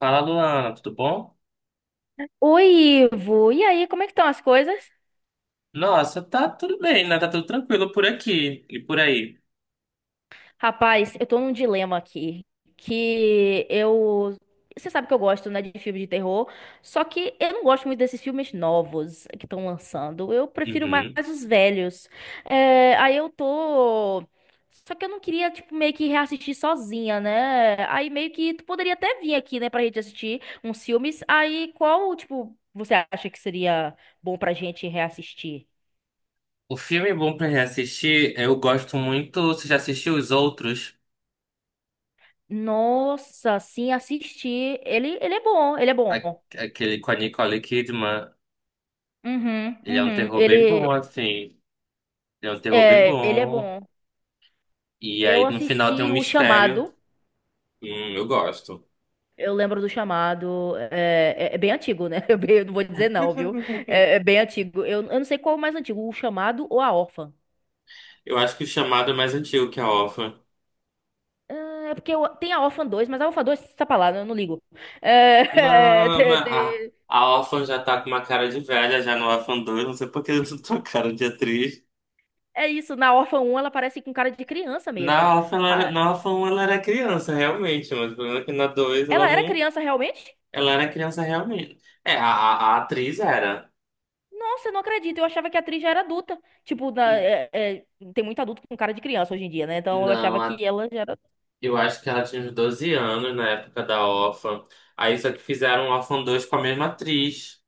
Fala, Luana, tudo bom? Oi, Ivo. E aí, como é que estão as coisas? Nossa, tá tudo bem, né? Tá tudo tranquilo por aqui e por aí. Rapaz, eu tô num dilema aqui, que eu... você sabe que eu gosto, né, de filme de terror, só que eu não gosto muito desses filmes novos que estão lançando. Eu prefiro mais Uhum. os velhos. É, aí eu tô... Só que eu não queria, tipo, meio que reassistir sozinha, né? Aí meio que tu poderia até vir aqui, né, pra gente assistir uns filmes. Aí qual, tipo, você acha que seria bom pra gente reassistir? O filme bom pra reassistir, eu gosto muito. Você já assistiu os outros? Nossa, sim, assisti. Ele é bom, ele é bom. A- Aquele com a Nicole Kidman. Uhum, Ele é um uhum. terror bem bom, Ele, assim. Ele é um terror bem é, ele é bom. bom. E Eu aí no final tem um assisti O mistério. Chamado. Eu gosto. Eu lembro do Chamado. É bem antigo, né? Eu não vou dizer não, viu? É bem antigo. Eu não sei qual é o mais antigo, O Chamado ou A Órfã. Eu acho que o chamado é mais antigo que a órfã. É, tem a Órfã dois, mas a Órfã 2 tá pra lá, né? Eu não ligo. É, é, Não, te- mas a, te- a órfã já tá com uma cara de velha já no Órfã dois. Não sei por que eu tô com cara de atriz. é isso, na Órfã um ela parece com cara de criança Na mesmo. Orphan, ela era, ah na Orphan ela era criança, realmente, mas o problema é que na 2 ela Ela era não. criança realmente? Ela era criança realmente. É, a atriz era. Nossa, eu não acredito. Eu achava que a atriz já era adulta. Tipo, N- tem muito adulto com cara de criança hoje em dia, né? Então eu Não, achava que ela já era. eu acho que ela tinha uns 12 anos na época da Orphan. Aí só que fizeram Orphan dois com a mesma atriz.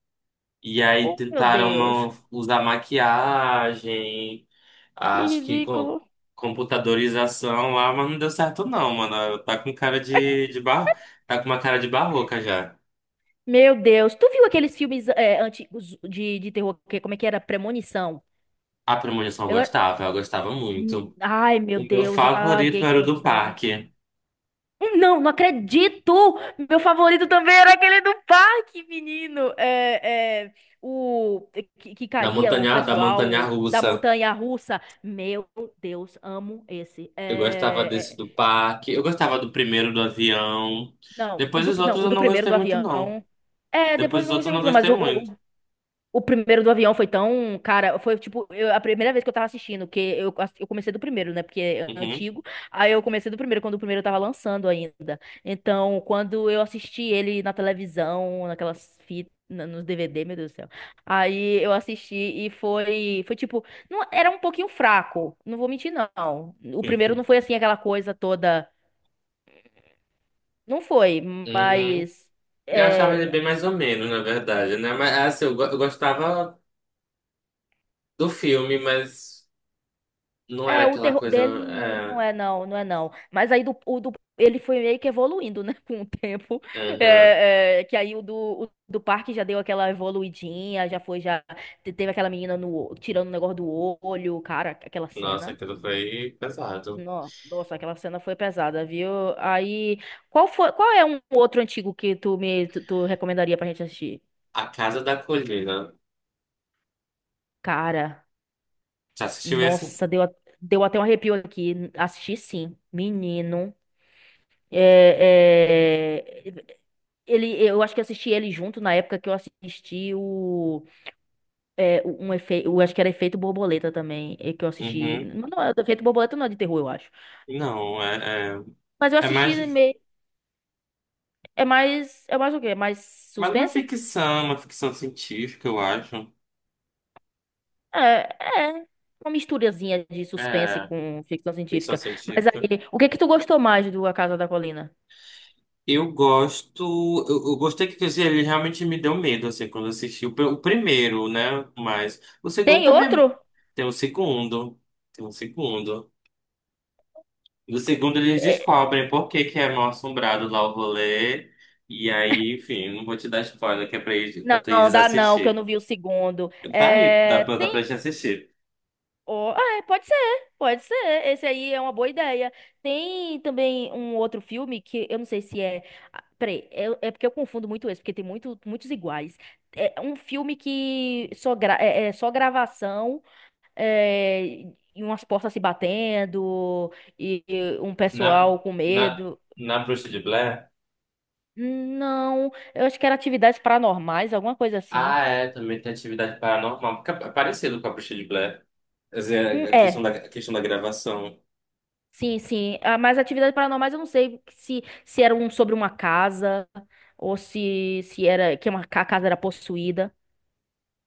E aí Oh, meu tentaram Deus. Usar maquiagem, Que acho que ridículo. computadorização lá, mas não deu certo não, mano. Tá com cara de, de... Tá com uma cara de barroca já. Meu Deus. Tu viu aqueles filmes antigos de terror? Como é que era? Premonição. A premonição Eu... eu gostava muito. Ai, meu O meu Deus. Ah, favorito alguém que era o do gostava. parque, Não, não acredito! Meu favorito também era aquele do parque, menino. O que da caía o montanha, da montanha pessoal da russa. montanha russa. Meu Deus, amo esse. Eu gostava desse do parque. Eu gostava do primeiro do avião. Não, o Depois do, os não, outros o eu do não primeiro gostei do muito, não. avião. É, depois Depois eu os não outros eu gostei não muito, não, gostei muito. O primeiro do avião foi tão, cara, foi tipo, a primeira vez que eu tava assistindo, que eu comecei do primeiro, né, porque é Uhum. antigo, aí eu comecei do primeiro, quando o primeiro tava lançando ainda, então, quando eu assisti ele na televisão, naquelas fitas, nos DVD, meu Deus do céu, aí eu assisti e foi tipo, não, era um pouquinho fraco, não vou mentir não, o primeiro não foi assim aquela coisa toda, não foi, Uhum. mas... Eu achava ele é, bem mais ou menos, na verdade, né? Mas é assim, eu gostava do filme, mas não era o aquela terror coisa. dele não É... é não, não é não. Mas aí ele foi meio que evoluindo, né, com o tempo. aham. Que aí o do parque já deu aquela evoluidinha, já foi, já teve aquela menina no, o- tirando o negócio do olho, cara, aquela Nossa, cena. aquilo foi pesado. Nossa, aquela cena foi pesada, viu? Aí, qual é um outro antigo que tu recomendaria pra gente assistir? A Casa da Colina. Cara, Já assistiu esse? nossa, deu até um arrepio aqui. Assisti sim, menino. É, é, ele, eu acho que assisti ele junto na época que eu assisti um efeito, eu acho que era Efeito Borboleta também, que eu assisti, Uhum. não, não, Efeito Borboleta não é de terror, eu acho. Não, Mas eu é assisti mais, meio, é mais o quê? É mais mais suspense? Uma ficção científica, eu acho. É, é uma misturazinha de suspense É, com ficção ficção científica. Mas científica. aí, o que que tu gostou mais do A Casa da Colina? Eu gosto, eu gostei que quer dizer, ele realmente me deu medo, assim, quando eu assisti o primeiro, né? Mas o segundo Tem também outro? tem o segundo, tem o segundo. No segundo eles E- descobrem por que que é mal-assombrado lá o rolê. E aí, enfim, não vou te dar spoiler, que é pra, pra tu Não, ir dá não, que eu assistir. não vi o segundo. Tá aí, É, dá pra tem. gente assistir. Oh, ah, pode ser, pode ser. Esse aí é uma boa ideia. Tem também um outro filme que eu não sei se é. Peraí, é porque eu confundo muito esse, porque tem muitos iguais. É um filme que é só gravação, é, e umas portas se batendo, e um Na, pessoal com na, medo. na Bruxa de Blair? Não, eu acho que era atividades paranormais, alguma coisa assim. Ah, é, também tem atividade paranormal, porque é parecido com a Bruxa de Blair. Quer Hum, dizer, É, a questão da gravação. Sim, sim. Ah, mas atividades paranormais eu não sei se era um sobre uma casa ou se era que a casa era possuída.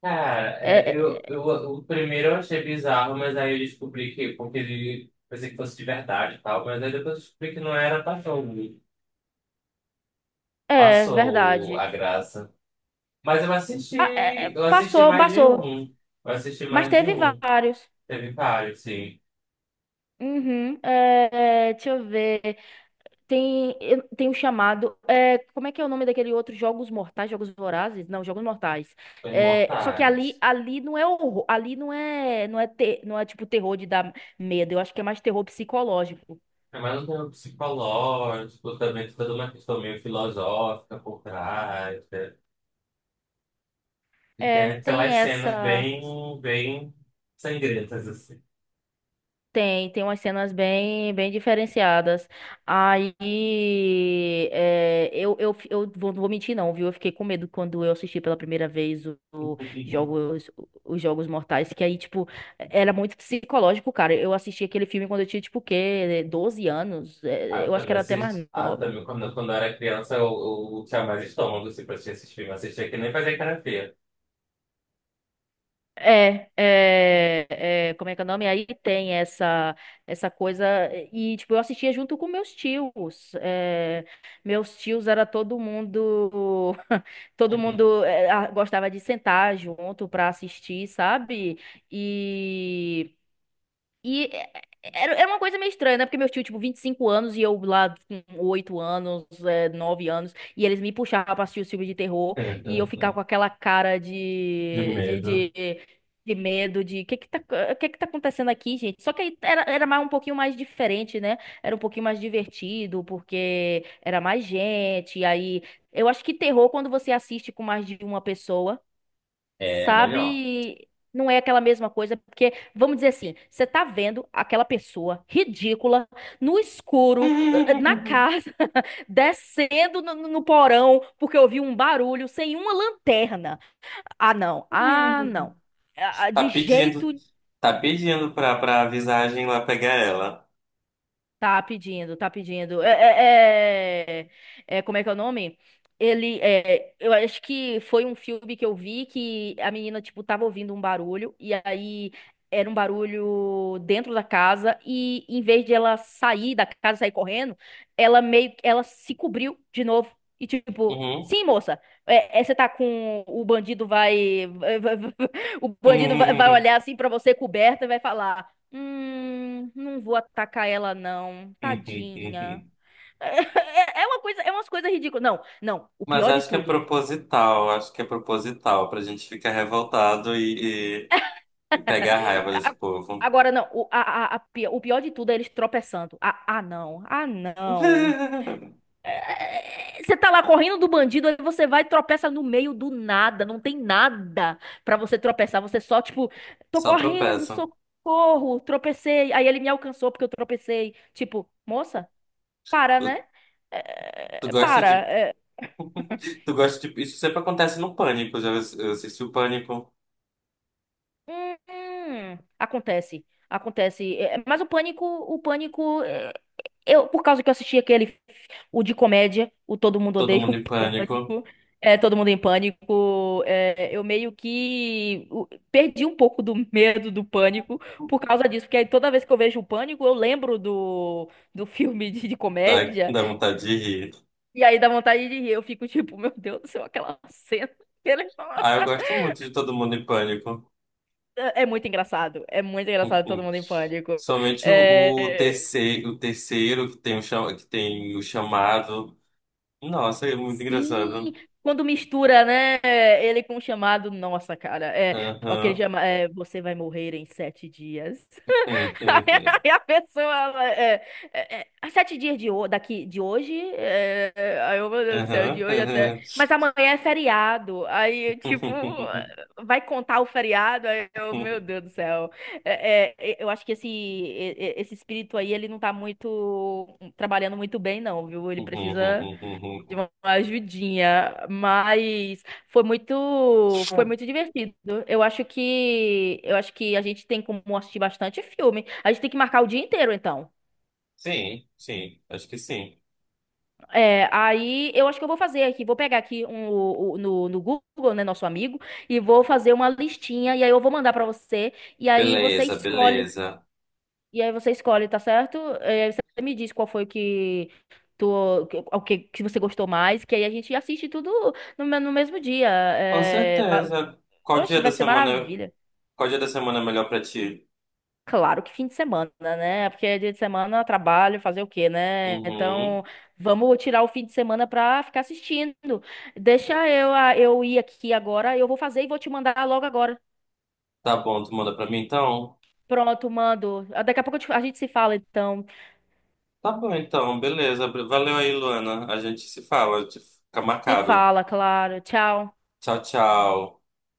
Cara, é, É, o primeiro eu achei bizarro, mas aí eu descobri que, porque ele pensei que fosse de verdade e tal, mas aí depois eu descobri que não era, é passou verdade. a graça. Mas Ah, eu assisti passou, mais de passou. um. Eu assisti Mas mais de teve um. vários. Teve vários, sim. Uhum, deixa eu ver. Tem, tem um chamado. Como é que é o nome daquele outro? Jogos Mortais, Jogos Vorazes? Não, Jogos Mortais. Os É, só que imortais. ali não é horror, ali não é tipo terror de dar medo. Eu acho que é mais terror psicológico. É mais um tema psicológico, também tem toda uma questão meio filosófica por trás, né? E tem É, tem aquelas essa. Bem sangrentas, assim. Tem umas cenas bem, bem diferenciadas. Aí, eu vou, não vou mentir não, viu? Eu fiquei com medo quando eu assisti pela primeira vez jogos, os Jogos Mortais, que aí, tipo, era muito psicológico, cara. Eu assisti aquele filme quando eu tinha, tipo, o quê? 12 anos? Ah, eu Eu acho que também era até assisti. mais Ah, eu nova. também, quando eu era criança, eu tinha mais estômago, assim, pra assistir esses filmes. Assistia que nem fazia cara feia. É, é, como é que é o nome? Aí tem essa coisa e tipo eu assistia junto com meus tios. Meus tios era todo mundo todo mundo gostava de sentar junto pra assistir, sabe? E e era uma coisa meio estranha, né? Porque meu tio, tipo, 25 anos e eu lá com 8 anos, 9 anos, e eles me puxavam pra assistir os filmes de terror e eu ficava com aquela cara De de, de, medo. de, de medo, de que tá, o que que tá acontecendo aqui, gente? Só que aí era, mais, um pouquinho mais diferente, né? Era um pouquinho mais divertido, porque era mais gente, e aí. Eu acho que terror, quando você assiste com mais de uma pessoa, É melhor. sabe? Não é aquela mesma coisa, porque, vamos dizer assim, você tá vendo aquela pessoa ridícula, no escuro, na casa, descendo no porão, porque ouviu um barulho, sem uma lanterna. Ah, não. Ah, não. Ah, ah, Tá de pedindo, jeito. tá pedindo pra, pra visagem lá pegar ela. Tá pedindo, tá pedindo. Como é que é o nome? Eu acho que foi um filme que eu vi que a menina, tipo, tava ouvindo um barulho e aí era um barulho dentro da casa e em vez de ela sair da casa, sair correndo, ela meio, ela se cobriu de novo e tipo, Uhum. sim, moça, você tá com, o bandido vai, o bandido vai olhar assim pra você coberta e vai falar, hum, não vou atacar ela, não. Tadinha. É umas coisas ridículas. Não, não. O Mas pior de acho que é tudo. proposital, acho que é proposital pra gente ficar revoltado e pegar a raiva desse a- povo. Agora, não. O, a pi- o pior de tudo é eles tropeçando. Ah, ah, não. Ah, não. Você tá lá correndo do bandido, aí você vai e tropeça no meio do nada. Não tem nada pra você tropeçar. Você só, tipo, tô Só correndo, tropeça. socorro, tropecei. Aí ele me alcançou porque eu tropecei. Tipo, moça, para, né? Tu gosta Para. de, tu gosta de, isso sempre acontece no Pânico, eu assisti o Pânico, Acontece, acontece. Mas o pânico, eu por causa que eu assisti aquele, o de comédia, o Todo Mundo todo Odeia o mundo em pânico, Pânico, é Todo Mundo em Pânico, eu meio que perdi um pouco do medo do pânico por causa disso, porque aí toda vez que eu vejo o pânico, eu lembro do filme de dá, comédia dá vontade de rir. e aí dá vontade de rir. Eu fico tipo, meu Deus do céu, aquela cena. Ah, eu gosto muito de todo mundo em pânico. É muito engraçado. É muito engraçado todo mundo em pânico. Somente o, o É, terceiro, que tem o chamado. Nossa, é muito Sim, engraçado. quando mistura, né? Ele com o Chamado. Nossa, cara. Aquele Aham. Você vai morrer em 7 dias. Aham. Aí a pessoa, ela, há 7 dias daqui, de hoje, aí eu, meu Deus do céu, de Aham. hoje até, Aham. mas amanhã é feriado, aí, tipo, vai contar o feriado, aí eu, meu Deus do céu, eu acho que esse, esse espírito aí, ele não tá muito, trabalhando muito bem não, viu, ele precisa de uma ajudinha, mas foi muito divertido. Eu acho que a gente tem como assistir bastante filme. A gente tem que marcar o dia inteiro, então. Sim, sim, acho que sim. Aí eu acho que eu vou fazer aqui, vou pegar aqui no Google, né, nosso amigo, e vou fazer uma listinha e aí eu vou mandar pra você e aí você Beleza, escolhe. beleza. E aí você escolhe, tá certo? E aí você me diz qual foi que o que você gostou mais, que aí a gente assiste tudo no mesmo dia. Com certeza. Oxe, vai ser maravilha. Qual dia da semana é melhor pra ti? Claro que fim de semana, né? Porque dia de semana eu trabalho, fazer o quê, né? Uhum. Então, vamos tirar o fim de semana pra ficar assistindo. Deixa eu ir aqui agora, eu vou fazer e vou te mandar logo agora. Tá bom, tu manda pra mim então? Pronto, mando. Daqui a pouco a gente se fala, então. Tá bom então, beleza. Valeu aí, Luana. A gente se fala, a gente fica Se marcado. fala, claro. Tchau. Tchau, tchau.